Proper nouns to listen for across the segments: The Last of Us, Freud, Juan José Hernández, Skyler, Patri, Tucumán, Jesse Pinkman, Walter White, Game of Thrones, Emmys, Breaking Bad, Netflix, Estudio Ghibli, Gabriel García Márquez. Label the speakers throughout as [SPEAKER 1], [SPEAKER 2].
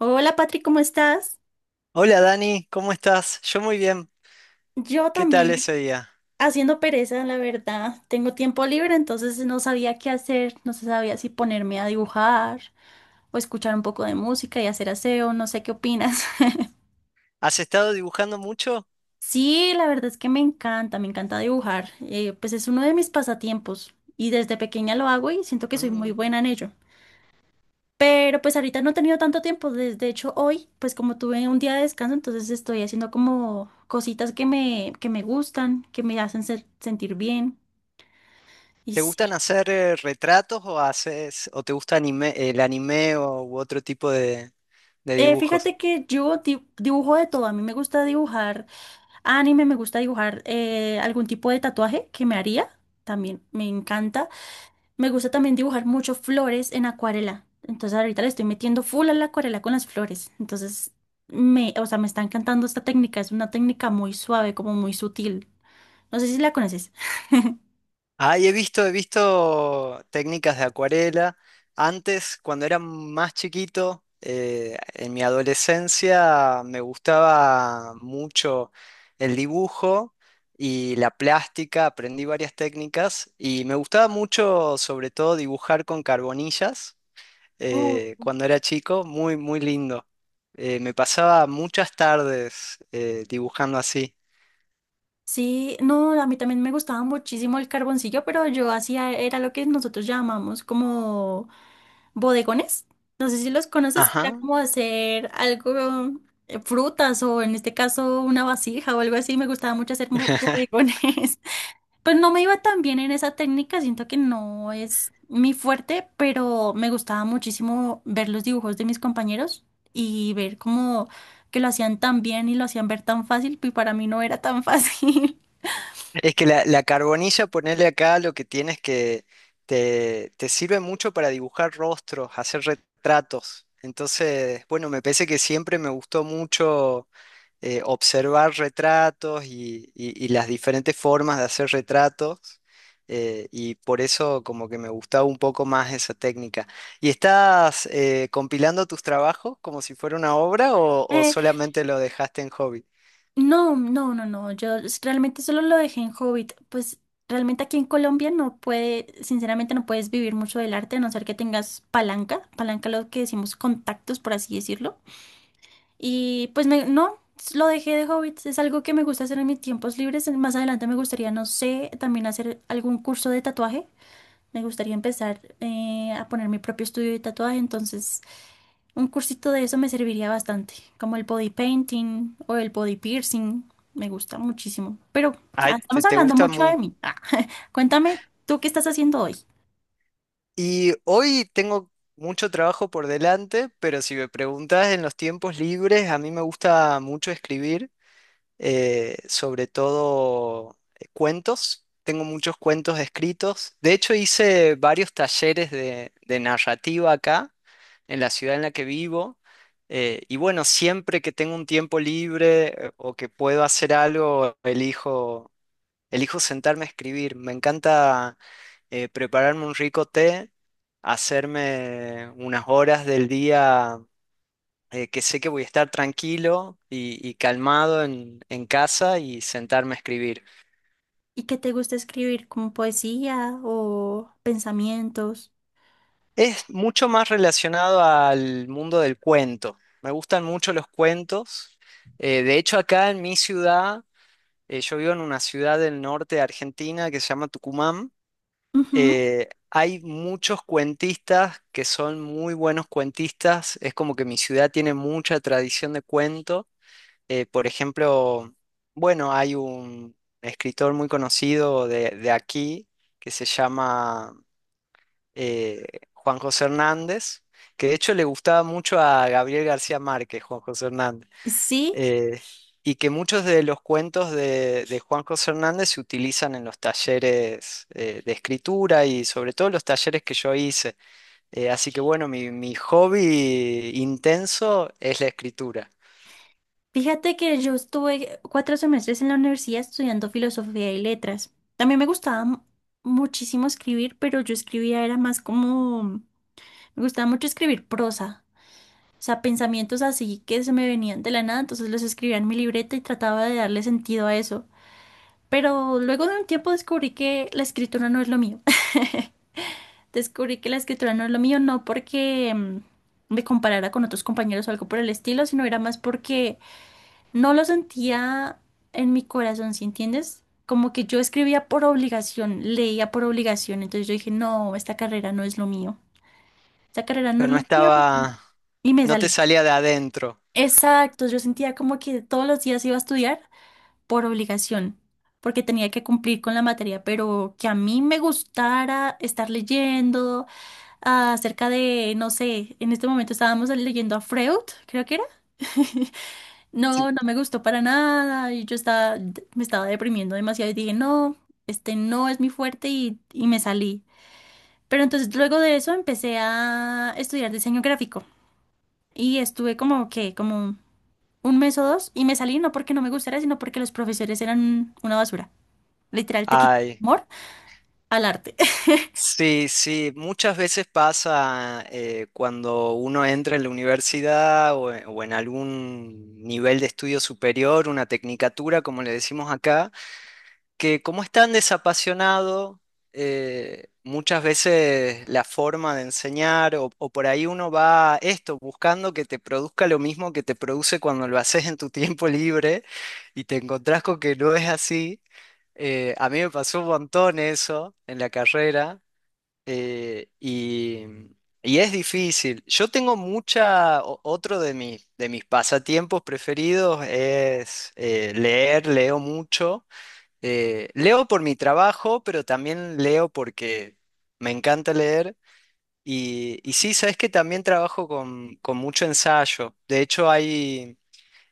[SPEAKER 1] Hola Patri, ¿cómo estás?
[SPEAKER 2] Hola Dani, ¿cómo estás? Yo muy bien.
[SPEAKER 1] Yo
[SPEAKER 2] ¿Qué tal
[SPEAKER 1] también
[SPEAKER 2] ese día?
[SPEAKER 1] haciendo pereza, la verdad. Tengo tiempo libre, entonces no sabía qué hacer, no se sabía si ponerme a dibujar o escuchar un poco de música y hacer aseo, no sé qué opinas.
[SPEAKER 2] ¿Has estado dibujando mucho?
[SPEAKER 1] Sí, la verdad es que me encanta dibujar. Pues es uno de mis pasatiempos y desde pequeña lo hago y siento que soy muy
[SPEAKER 2] Mm.
[SPEAKER 1] buena en ello. Pero pues ahorita no he tenido tanto tiempo. De hecho, hoy, pues como tuve un día de descanso, entonces estoy haciendo como cositas que me gustan, que me hacen sentir bien. Y
[SPEAKER 2] ¿Te gustan
[SPEAKER 1] sí.
[SPEAKER 2] hacer retratos o haces o te gusta el anime o u otro tipo de dibujos?
[SPEAKER 1] Fíjate que yo dibujo de todo. A mí me gusta dibujar anime, me gusta dibujar algún tipo de tatuaje que me haría. También me encanta. Me gusta también dibujar mucho flores en acuarela. Entonces ahorita le estoy metiendo full a la acuarela con las flores. Entonces me, o sea, me está encantando esta técnica. Es una técnica muy suave, como muy sutil. No sé si la conoces.
[SPEAKER 2] Ah, he visto técnicas de acuarela. Antes, cuando era más chiquito, en mi adolescencia, me gustaba mucho el dibujo y la plástica. Aprendí varias técnicas y me gustaba mucho, sobre todo, dibujar con carbonillas,
[SPEAKER 1] Uh,
[SPEAKER 2] cuando era chico. Muy, muy lindo. Me pasaba muchas tardes, dibujando así.
[SPEAKER 1] Sí, no, a mí también me gustaba muchísimo el carboncillo, pero yo hacía, era lo que nosotros llamamos como bodegones. No sé si los conoces, que era
[SPEAKER 2] Ajá.
[SPEAKER 1] como hacer algo, frutas o en este caso una vasija o algo así. Me gustaba mucho hacer bodegones. Pues no me iba tan bien en esa técnica, siento que no es mi fuerte, pero me gustaba muchísimo ver los dibujos de mis compañeros y ver cómo que lo hacían tan bien y lo hacían ver tan fácil, y para mí no era tan fácil.
[SPEAKER 2] Es que la carbonilla, ponerle acá lo que tienes que te sirve mucho para dibujar rostros, hacer retratos. Entonces, bueno, me parece que siempre me gustó mucho observar retratos y las diferentes formas de hacer retratos. Y por eso como que me gustaba un poco más esa técnica. ¿Y estás compilando tus trabajos como si fuera una obra o
[SPEAKER 1] Eh,
[SPEAKER 2] solamente lo dejaste en hobby?
[SPEAKER 1] no, no, no, no, realmente solo lo dejé en Hobbit, pues realmente aquí en Colombia no puede, sinceramente no puedes vivir mucho del arte a no ser que tengas palanca, palanca lo que decimos contactos, por así decirlo. Y pues me, no, lo dejé de hobby. Es algo que me gusta hacer en mis tiempos libres. Más adelante me gustaría, no sé, también hacer algún curso de tatuaje. Me gustaría empezar a poner mi propio estudio de tatuaje. Entonces, un cursito de eso me serviría bastante. Como el body painting o el body piercing. Me gusta muchísimo. Pero ah,
[SPEAKER 2] Ay, ¿te,
[SPEAKER 1] estamos
[SPEAKER 2] te
[SPEAKER 1] hablando
[SPEAKER 2] gusta
[SPEAKER 1] mucho de
[SPEAKER 2] mucho?
[SPEAKER 1] mí. Ah, cuéntame, ¿tú qué estás haciendo hoy?
[SPEAKER 2] Y hoy tengo mucho trabajo por delante, pero si me preguntas en los tiempos libres, a mí me gusta mucho escribir, sobre todo cuentos. Tengo muchos cuentos escritos. De hecho, hice varios talleres de narrativa acá, en la ciudad en la que vivo. Y bueno, siempre que tengo un tiempo libre o que puedo hacer algo, elijo sentarme a escribir. Me encanta prepararme un rico té, hacerme unas horas del día que sé que voy a estar tranquilo y calmado en casa y sentarme a escribir.
[SPEAKER 1] ¿Y qué te gusta escribir? ¿Como poesía o pensamientos?
[SPEAKER 2] Es mucho más relacionado al mundo del cuento. Me gustan mucho los cuentos. De hecho, acá en mi ciudad, yo vivo en una ciudad del norte de Argentina que se llama Tucumán.
[SPEAKER 1] Ujú.
[SPEAKER 2] Hay muchos cuentistas que son muy buenos cuentistas. Es como que mi ciudad tiene mucha tradición de cuento. Por ejemplo, bueno, hay un escritor muy conocido de aquí que se llama eh, Juan José Hernández, que de hecho le gustaba mucho a Gabriel García Márquez, Juan José Hernández,
[SPEAKER 1] Sí,
[SPEAKER 2] eh, y que muchos de los cuentos de Juan José Hernández se utilizan en los talleres de escritura y sobre todo los talleres que yo hice. Así que bueno, mi hobby intenso es la escritura.
[SPEAKER 1] fíjate que yo estuve 4 semestres en la universidad estudiando filosofía y letras. También me gustaba muchísimo escribir, pero yo escribía era más como, me gustaba mucho escribir prosa, o sea, pensamientos así que se me venían de la nada, entonces los escribía en mi libreta y trataba de darle sentido a eso. Pero luego de un tiempo descubrí que la escritura no es lo mío. Descubrí que la escritura no es lo mío, no porque me comparara con otros compañeros o algo por el estilo, sino era más porque no lo sentía en mi corazón, ¿sí entiendes? Como que yo escribía por obligación, leía por obligación, entonces yo dije, no, esta carrera no es lo mío, esta carrera no
[SPEAKER 2] Pero
[SPEAKER 1] es
[SPEAKER 2] no
[SPEAKER 1] lo mío
[SPEAKER 2] estaba,
[SPEAKER 1] y me
[SPEAKER 2] no te
[SPEAKER 1] salí.
[SPEAKER 2] salía de adentro.
[SPEAKER 1] Exacto, yo sentía como que todos los días iba a estudiar por obligación, porque tenía que cumplir con la materia, pero que a mí me gustara estar leyendo acerca de, no sé, en este momento estábamos leyendo a Freud, creo que era.
[SPEAKER 2] Sí.
[SPEAKER 1] No, no me gustó para nada y yo estaba, me estaba deprimiendo demasiado y dije, no, este no es mi fuerte y me salí. Pero entonces luego de eso empecé a estudiar diseño gráfico y estuve como que, como un mes o dos y me salí no porque no me gustara, sino porque los profesores eran una basura. Literal, te quitan
[SPEAKER 2] Ay.
[SPEAKER 1] el amor al arte.
[SPEAKER 2] Sí, sí, muchas veces pasa cuando uno entra en la universidad o en algún nivel de estudio superior, una tecnicatura, como le decimos acá, que como es tan desapasionado, muchas veces la forma de enseñar o por ahí uno va esto, buscando que te produzca lo mismo que te produce cuando lo haces en tu tiempo libre y te encontrás con que no es así. A mí me pasó un montón eso en la carrera eh, y, y es difícil. Yo tengo mucha, otro de mis pasatiempos preferidos es leer, leo mucho. Leo por mi trabajo, pero también leo porque me encanta leer. Y sí, sabes que también trabajo con mucho ensayo. De hecho,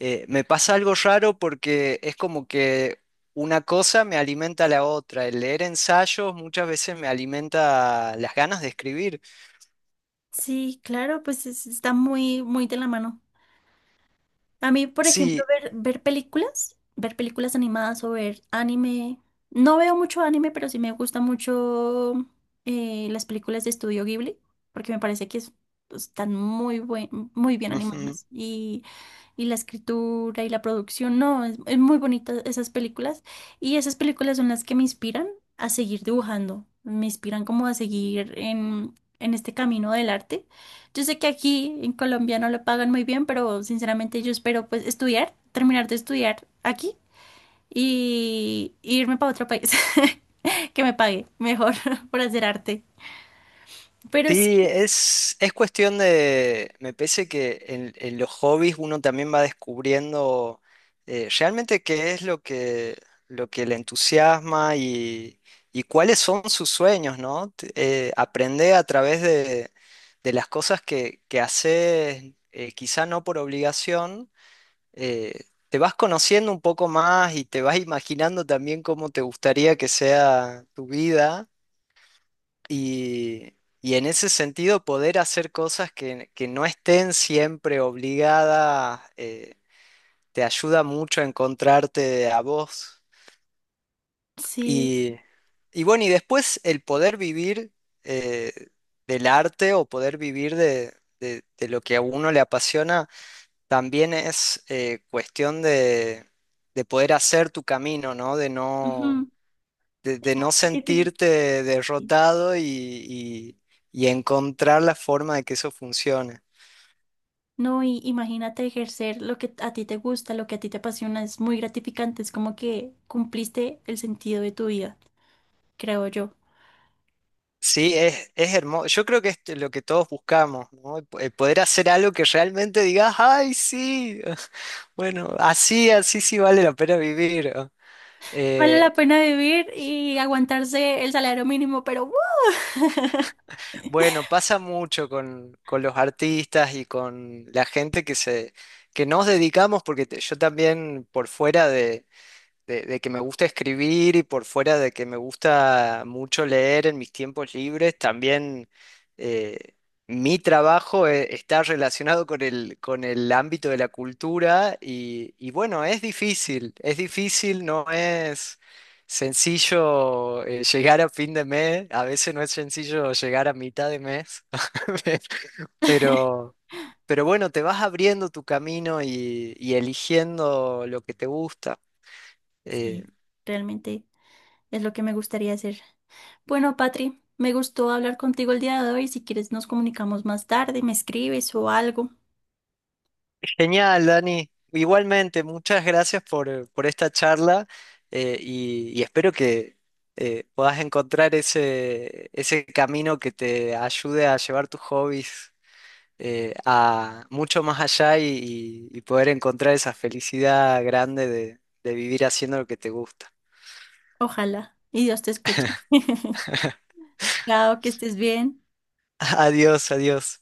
[SPEAKER 2] me pasa algo raro porque es como que una cosa me alimenta a la otra. El leer ensayos muchas veces me alimenta las ganas de escribir.
[SPEAKER 1] Sí, claro, pues está muy, muy de la mano. A mí, por ejemplo,
[SPEAKER 2] Sí.
[SPEAKER 1] ver, ver películas animadas o ver anime. No veo mucho anime, pero sí me gusta mucho las películas de Estudio Ghibli, porque me parece que están muy buen, muy bien
[SPEAKER 2] Ujú.
[SPEAKER 1] animadas. Y la escritura y la producción, no, es muy bonita esas películas. Y esas películas son las que me inspiran a seguir dibujando, me inspiran como a seguir en este camino del arte. Yo sé que aquí en Colombia no lo pagan muy bien, pero sinceramente yo espero pues estudiar, terminar de estudiar aquí y irme para otro país que me pague mejor por hacer arte. Pero sí,
[SPEAKER 2] Sí, es cuestión de, me parece que en los hobbies uno también va descubriendo realmente qué es lo que le entusiasma y cuáles son sus sueños, ¿no? Aprender a través de las cosas que haces, quizá no por obligación, eh, te vas conociendo un poco más y te vas imaginando también cómo te gustaría que sea tu vida. Y, y en ese sentido, poder hacer cosas que no estén siempre obligadas, te ayuda mucho a encontrarte a vos.
[SPEAKER 1] sí,
[SPEAKER 2] Y, y bueno, y después el poder vivir eh, del arte o poder vivir de lo que a uno le apasiona, también es cuestión de poder hacer tu camino, ¿no?
[SPEAKER 1] ujú, es
[SPEAKER 2] De
[SPEAKER 1] muy
[SPEAKER 2] no
[SPEAKER 1] gratificante.
[SPEAKER 2] sentirte derrotado y encontrar la forma de que eso funcione.
[SPEAKER 1] No, y imagínate ejercer lo que a ti te gusta, lo que a ti te apasiona, es muy gratificante, es como que cumpliste el sentido de tu vida, creo yo.
[SPEAKER 2] Sí, es hermoso. Yo creo que es lo que todos buscamos, ¿no? Poder hacer algo que realmente digas, ay, sí, bueno, así, así sí vale la pena vivir.
[SPEAKER 1] Vale
[SPEAKER 2] Eh,
[SPEAKER 1] la pena vivir y aguantarse el salario mínimo, pero ¡uh!
[SPEAKER 2] bueno, pasa mucho con los artistas y con la gente que se, que nos dedicamos, porque yo también por fuera de de que me gusta escribir y por fuera de que me gusta mucho leer en mis tiempos libres, también eh, mi trabajo está relacionado con el ámbito de la cultura y bueno, es difícil, no es sencillo llegar a fin de mes, a veces no es sencillo llegar a mitad de mes, pero... Pero bueno, te vas abriendo tu camino y eligiendo lo que te gusta. Eh,
[SPEAKER 1] Sí, realmente. Es lo que me gustaría hacer. Bueno, Patri, me gustó hablar contigo el día de hoy. Si quieres, nos comunicamos más tarde, me escribes o algo.
[SPEAKER 2] Genial, Dani. Igualmente, muchas gracias por esta charla y espero que puedas encontrar ese, ese camino que te ayude a llevar tus hobbies a mucho más allá y poder encontrar esa felicidad grande de vivir haciendo lo que te gusta.
[SPEAKER 1] Ojalá. Y Dios te escuche. Chao, que estés bien.
[SPEAKER 2] Adiós, adiós.